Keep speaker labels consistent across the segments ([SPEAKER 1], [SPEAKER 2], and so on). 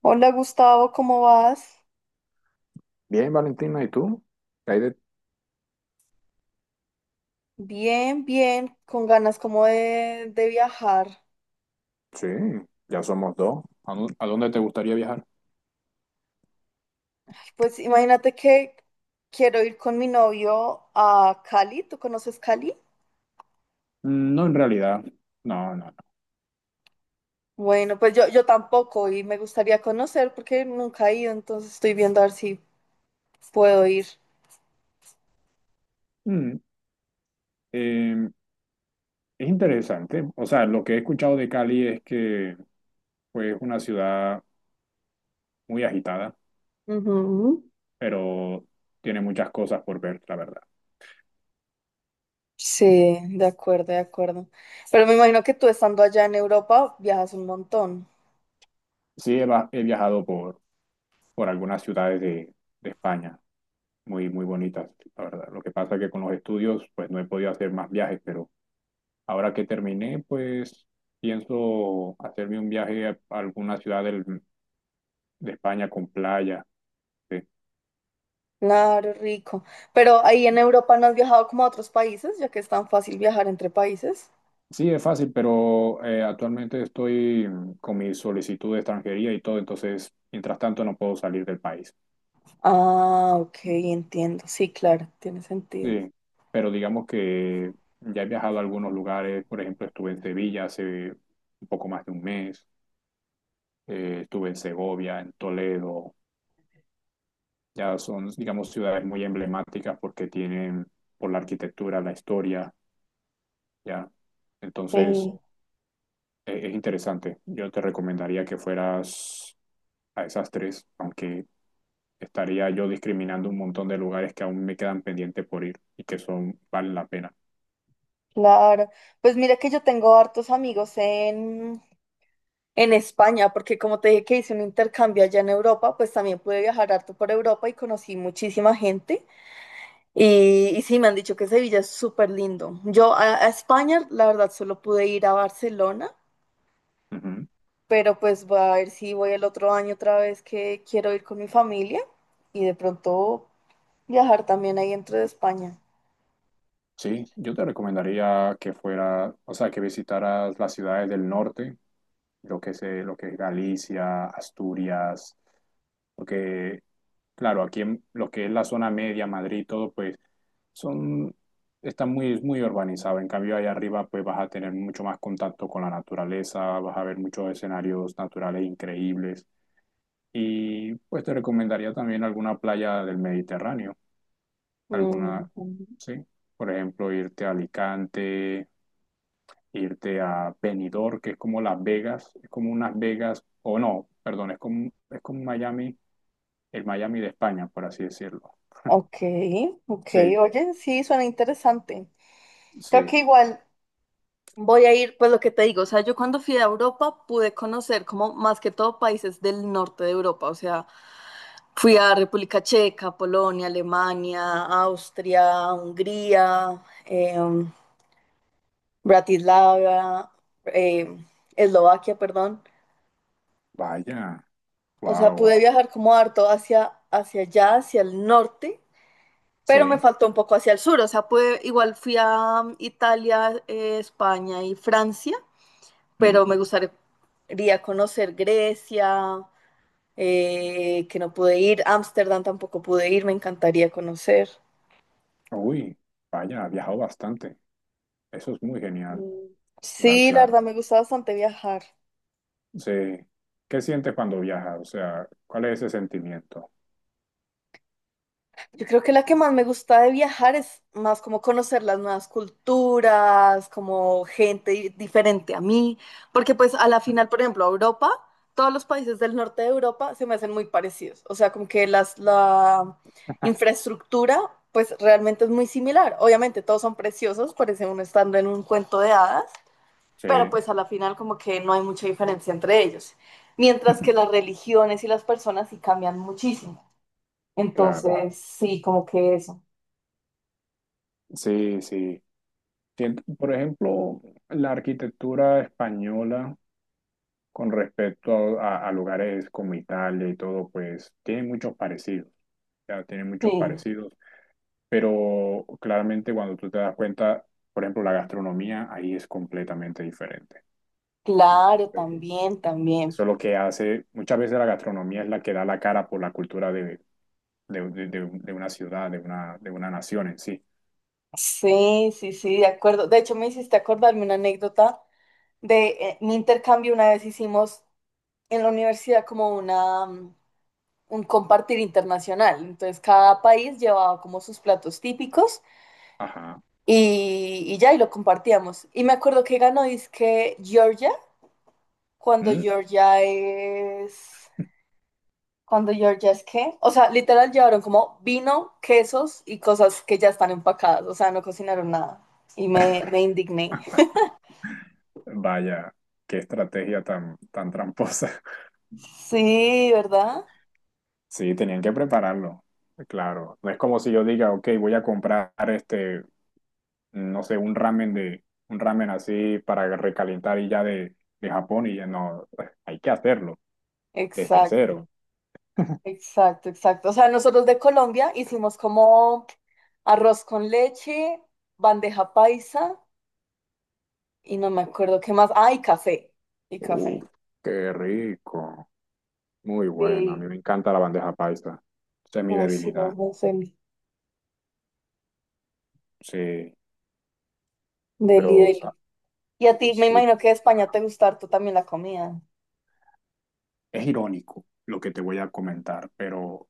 [SPEAKER 1] Hola Gustavo, ¿cómo vas?
[SPEAKER 2] Bien, Valentina, ¿y tú? ¿Qué hay de-
[SPEAKER 1] Bien, bien, con ganas como de viajar.
[SPEAKER 2] Sí, ya somos dos. ¿A dónde te gustaría viajar?
[SPEAKER 1] Ay, pues imagínate que quiero ir con mi novio a Cali. ¿Tú conoces Cali?
[SPEAKER 2] No, en realidad. No, no, no.
[SPEAKER 1] Bueno, pues yo tampoco y me gustaría conocer porque nunca he ido, entonces estoy viendo a ver si puedo ir.
[SPEAKER 2] Mm, eh, es interesante. O sea, lo que he escuchado de Cali es que pues, es una ciudad muy agitada,
[SPEAKER 1] Ujú.
[SPEAKER 2] pero tiene muchas cosas por ver, la verdad.
[SPEAKER 1] Sí, de acuerdo, de acuerdo. Pero me imagino que tú estando allá en Europa viajas un montón.
[SPEAKER 2] Sí, he viajado por algunas ciudades de España, muy, muy bonitas, la verdad. Lo que pasa es que con los estudios pues, no he podido hacer más viajes, pero. Ahora que terminé, pues pienso hacerme un viaje a alguna ciudad de España con playa. Sí.
[SPEAKER 1] Claro, rico. Pero ahí en Europa no has viajado como a otros países, ya que es tan fácil viajar entre países.
[SPEAKER 2] Sí, es fácil, pero actualmente estoy con mi solicitud de extranjería y todo, entonces, mientras tanto, no puedo salir del país.
[SPEAKER 1] Ah, ok, entiendo. Sí, claro, tiene sentido.
[SPEAKER 2] Sí, pero digamos que ya he viajado a algunos lugares, por ejemplo, estuve en Sevilla hace un poco más de un mes, estuve en Segovia, en Toledo, ya son, digamos, ciudades muy emblemáticas porque tienen por la arquitectura, la historia. Ya. Entonces,
[SPEAKER 1] Sí,
[SPEAKER 2] es interesante. Yo te recomendaría que fueras a esas tres, aunque estaría yo discriminando un montón de lugares que aún me quedan pendientes por ir y que son, valen la pena.
[SPEAKER 1] claro. Pues mira que yo tengo hartos amigos en España, porque como te dije que hice un intercambio allá en Europa, pues también pude viajar harto por Europa y conocí muchísima gente. Y sí, me han dicho que Sevilla es súper lindo. Yo a España, la verdad, solo pude ir a Barcelona.
[SPEAKER 2] Ujú.
[SPEAKER 1] Pero pues voy a ver si voy el otro año otra vez que quiero ir con mi familia y de pronto viajar también ahí dentro de España.
[SPEAKER 2] Sí, yo te recomendaría que fuera, o sea, que visitaras las ciudades del norte, lo que es Galicia, Asturias, porque, claro, aquí en lo que es la zona media, Madrid, todo, pues son, está muy, muy urbanizado. En cambio, allá arriba, pues vas a tener mucho más contacto con la naturaleza, vas a ver muchos escenarios naturales increíbles. Y pues te recomendaría también alguna playa del Mediterráneo, alguna,
[SPEAKER 1] Mm,
[SPEAKER 2] sí, por ejemplo, irte a Alicante, irte a Benidorm, que es como Las Vegas, es como unas Vegas, o no, perdón, es como Miami, el Miami de España, por así decirlo.
[SPEAKER 1] ok, ok,
[SPEAKER 2] Sí,
[SPEAKER 1] oye, sí, suena interesante. Creo
[SPEAKER 2] sí,
[SPEAKER 1] que igual voy a ir, pues lo que te digo, o sea, yo cuando fui a Europa pude conocer como más que todo países del norte de Europa, o sea, fui a República Checa, Polonia, Alemania, Austria, Hungría, Bratislava, eh, Eslovaquia, perdón.
[SPEAKER 2] vaya,
[SPEAKER 1] O sea,
[SPEAKER 2] wow,
[SPEAKER 1] pude
[SPEAKER 2] wow,
[SPEAKER 1] viajar como harto hacia allá, hacia el norte, pero me
[SPEAKER 2] sí.
[SPEAKER 1] faltó un poco hacia el sur. O sea, pude, igual fui a Italia, España y Francia, pero
[SPEAKER 2] Ujú.
[SPEAKER 1] me gustaría conocer Grecia, que no pude ir, Ámsterdam tampoco pude ir, me encantaría conocer.
[SPEAKER 2] Uy, vaya, ha viajado bastante. Eso es muy genial.
[SPEAKER 1] Mm. Sí, la
[SPEAKER 2] Claro.
[SPEAKER 1] verdad me gusta bastante viajar.
[SPEAKER 2] Sí. ¿Qué sientes cuando viajas? O sea, ¿cuál es ese sentimiento?
[SPEAKER 1] Yo creo que la que más me gusta de viajar es más como conocer las nuevas culturas, como gente diferente a mí, porque pues a la final, por ejemplo, Europa, todos los países del norte de Europa se me hacen muy parecidos, o sea, como que la infraestructura pues realmente es muy similar. Obviamente todos son preciosos, parece uno estando en un cuento de hadas,
[SPEAKER 2] Sí,
[SPEAKER 1] pero pues a la final como que no hay mucha diferencia entre ellos, mientras que las religiones y las personas sí cambian muchísimo.
[SPEAKER 2] claro.
[SPEAKER 1] Entonces, sí, como que eso.
[SPEAKER 2] Sí, sí. Por ejemplo, la arquitectura española con respecto a lugares como Italia y todo, pues tiene muchos parecidos. Ya tiene
[SPEAKER 1] Sí,
[SPEAKER 2] muchos parecidos. Pero claramente cuando tú te das cuenta, por ejemplo, la gastronomía ahí es completamente diferente.
[SPEAKER 1] claro,
[SPEAKER 2] Entonces,
[SPEAKER 1] también, también.
[SPEAKER 2] eso es lo que hace, muchas veces la gastronomía es la que da la cara por la cultura de una ciudad, de una nación en sí.
[SPEAKER 1] Sí, sí, sí, de acuerdo. De hecho, me hiciste acordarme una anécdota de mi intercambio. Una vez hicimos en la universidad como una, un compartir internacional. Entonces, cada país llevaba como sus platos típicos
[SPEAKER 2] Ajá.
[SPEAKER 1] y ya, y lo compartíamos. Y me acuerdo que ganó, que Georgia, cuando
[SPEAKER 2] Mm,
[SPEAKER 1] Georgia es... Cuando Georgia's, ¿qué? O sea, literal llevaron como vino, quesos y cosas que ya están empacadas. O sea, no cocinaron nada. Y me indigné.
[SPEAKER 2] Vaya, qué estrategia tan, tan tramposa.
[SPEAKER 1] Sí, ¿verdad?
[SPEAKER 2] Sí, tenían que prepararlo. Claro. No es como si yo diga, ok, voy a comprar este, no sé, un ramen así para recalentar y ya de Japón y ya no, hay que hacerlo desde
[SPEAKER 1] Exacto,
[SPEAKER 2] cero.
[SPEAKER 1] exacto, exacto. O sea, nosotros de Colombia hicimos como arroz con leche, bandeja paisa y no me acuerdo qué más. Ah, y café. Y
[SPEAKER 2] Uf,
[SPEAKER 1] café.
[SPEAKER 2] qué rico. Muy bueno, a mí
[SPEAKER 1] Sí.
[SPEAKER 2] me encanta la bandeja paisa. Esa es mi
[SPEAKER 1] Ay, sí,
[SPEAKER 2] debilidad.
[SPEAKER 1] vamos, deli,
[SPEAKER 2] Sí,
[SPEAKER 1] deli,
[SPEAKER 2] pero o sea,
[SPEAKER 1] deli. Y a ti, me
[SPEAKER 2] sí.
[SPEAKER 1] imagino que de España te gusta harto también la comida.
[SPEAKER 2] Es irónico lo que te voy a comentar, pero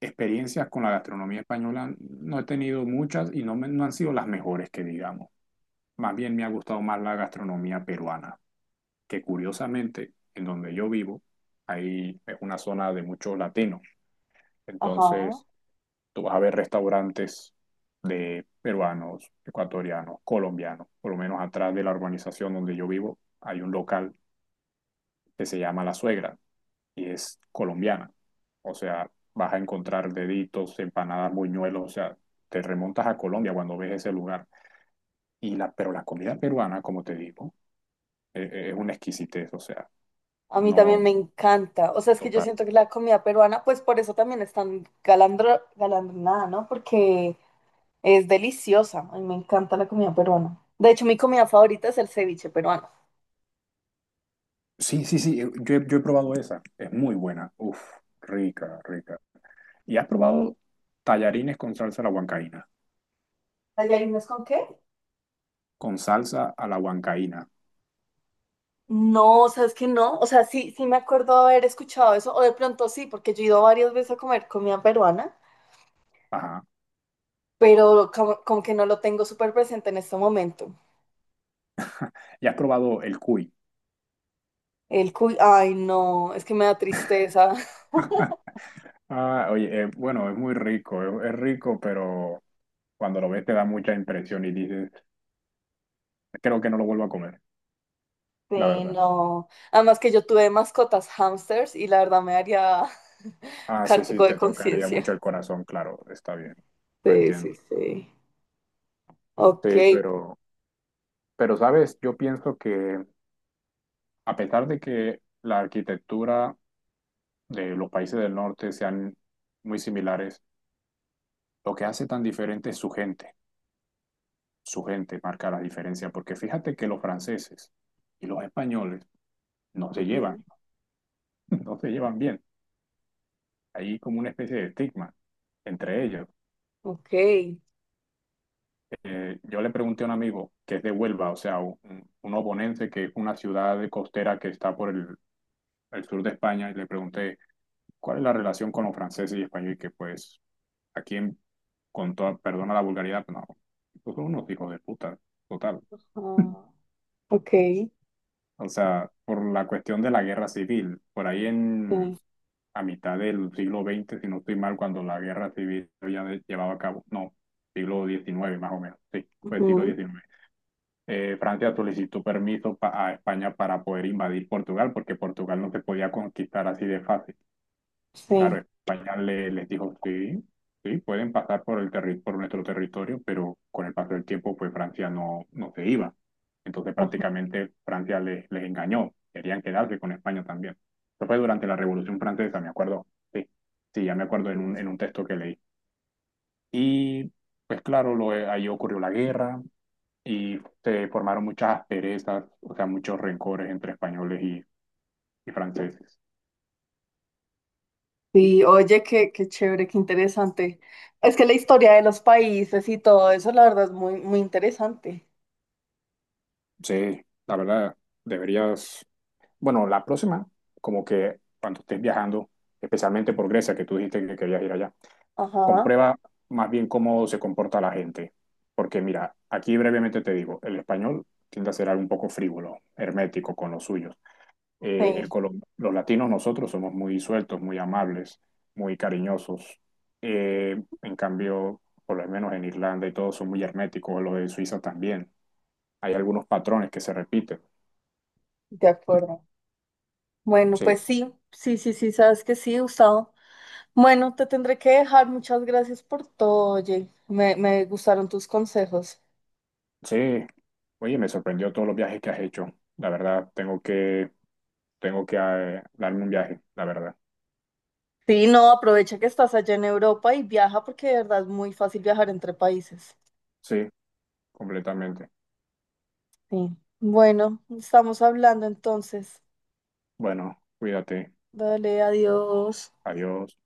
[SPEAKER 2] experiencias con la gastronomía española no he tenido muchas y no, no han sido las mejores que digamos. Más bien me ha gustado más la gastronomía peruana, que curiosamente en donde yo vivo, ahí es una zona de muchos latinos.
[SPEAKER 1] Ajá.
[SPEAKER 2] Entonces, tú vas a ver restaurantes de peruanos, ecuatorianos, colombianos. Por lo menos atrás de la urbanización donde yo vivo hay un local que se llama La Suegra y es colombiana. O sea, vas a encontrar deditos, empanadas, buñuelos. O sea, te remontas a Colombia cuando ves ese lugar. Pero la comida peruana, como te digo, es una exquisitez. O sea,
[SPEAKER 1] A mí también
[SPEAKER 2] no
[SPEAKER 1] me encanta. O sea, es que yo
[SPEAKER 2] total.
[SPEAKER 1] siento que la comida peruana, pues por eso también es tan galardonada, ¿no? Porque es deliciosa. A mí me encanta la comida peruana. De hecho, mi comida favorita es el ceviche peruano.
[SPEAKER 2] Sí, sí, sí, yo he probado esa. Es muy buena. Uf, rica, rica. ¿Y has probado tallarines con salsa a la huancaína?
[SPEAKER 1] ¿Tallarines con qué?
[SPEAKER 2] Con salsa a la huancaína.
[SPEAKER 1] No, ¿sabes que no? O sea, sí, sí me acuerdo haber escuchado eso, o de pronto sí, porque yo he ido varias veces a comer comida peruana,
[SPEAKER 2] Ajá.
[SPEAKER 1] pero como que no lo tengo súper presente en este momento.
[SPEAKER 2] ¿Y has probado el cuy?
[SPEAKER 1] El cuy, ay, no, es que me da tristeza.
[SPEAKER 2] Ah, oye, bueno, es muy rico, es rico, pero cuando lo ves te da mucha impresión y dices, creo que no lo vuelvo a comer, la
[SPEAKER 1] Sí,
[SPEAKER 2] verdad.
[SPEAKER 1] no. Además que yo tuve mascotas hamsters y la verdad me haría
[SPEAKER 2] Ah, sí, sí,
[SPEAKER 1] cargo de
[SPEAKER 2] te tocaría
[SPEAKER 1] conciencia.
[SPEAKER 2] mucho el corazón, claro, está bien, lo
[SPEAKER 1] Sí,
[SPEAKER 2] entiendo.
[SPEAKER 1] sí, sí. Ok.
[SPEAKER 2] Sí, pero sabes, yo pienso que a pesar de que la arquitectura de los países del norte sean muy similares, lo que hace tan diferente es su gente. Su gente marca la diferencia, porque fíjate que los franceses y los españoles no se
[SPEAKER 1] Ujú.
[SPEAKER 2] llevan, no se llevan bien. Hay como una especie de estigma entre ellos.
[SPEAKER 1] Ok.
[SPEAKER 2] Yo le pregunté a un amigo que es de Huelva, o sea, un oponense que es una ciudad costera que está por el sur de España, y le pregunté cuál es la relación con los franceses y españoles, y que pues aquí, con toda, perdona la vulgaridad, pero no, pues son unos hijos de puta, total.
[SPEAKER 1] Ah, ok. Sí.
[SPEAKER 2] O sea, por la cuestión de la guerra civil. Por ahí en a mitad del siglo XX, si no estoy mal, cuando la guerra civil ya llevaba a cabo. No, siglo XIX, más o menos. Sí, fue siglo
[SPEAKER 1] Ujú.
[SPEAKER 2] diecinueve. Francia solicitó permiso a España para poder invadir Portugal, porque Portugal no se podía conquistar así de fácil. Claro,
[SPEAKER 1] Sí.
[SPEAKER 2] España les dijo, sí, sí, pueden pasar por por nuestro territorio, pero con el paso del tiempo, pues Francia no, no se iba. Entonces
[SPEAKER 1] Ajá.
[SPEAKER 2] prácticamente Francia les engañó, querían quedarse con España también. Eso fue durante la Revolución Francesa, me acuerdo. Sí, sí, ya me acuerdo en un,
[SPEAKER 1] Sí,
[SPEAKER 2] en un texto que leí. Y pues claro, ahí ocurrió la guerra y se formaron muchas asperezas, o sea, muchos rencores entre españoles y franceses.
[SPEAKER 1] sí, oye, qué, qué chévere, qué interesante. Es que la historia de los países y todo eso, la verdad, es muy, muy interesante.
[SPEAKER 2] Sí, la verdad, deberías. Bueno, la próxima, como que cuando estés viajando, especialmente por Grecia, que tú dijiste que querías ir allá,
[SPEAKER 1] Ajá,
[SPEAKER 2] comprueba más bien cómo se comporta la gente. Porque mira, aquí brevemente te digo, el español tiende a ser algo un poco frívolo, hermético con los suyos.
[SPEAKER 1] sí,
[SPEAKER 2] Los latinos nosotros somos muy sueltos, muy amables, muy cariñosos. En cambio, por lo menos en Irlanda y todo son muy herméticos, lo de Suiza también. Hay algunos patrones que se repiten.
[SPEAKER 1] de acuerdo. Bueno,
[SPEAKER 2] Sí.
[SPEAKER 1] pues sí, sí, sí, sí, sabes que sí, Gustavo. Bueno, te tendré que dejar. Muchas gracias por todo, oye. Me gustaron tus consejos.
[SPEAKER 2] Sí, oye, me sorprendió todos los viajes que has hecho. La verdad, tengo que darme un viaje, la verdad.
[SPEAKER 1] Sí, no, aprovecha que estás allá en Europa y viaja porque de verdad es muy fácil viajar entre países.
[SPEAKER 2] Sí, completamente.
[SPEAKER 1] Sí. Bueno, estamos hablando entonces.
[SPEAKER 2] Bueno, cuídate.
[SPEAKER 1] Dale, adiós.
[SPEAKER 2] Adiós.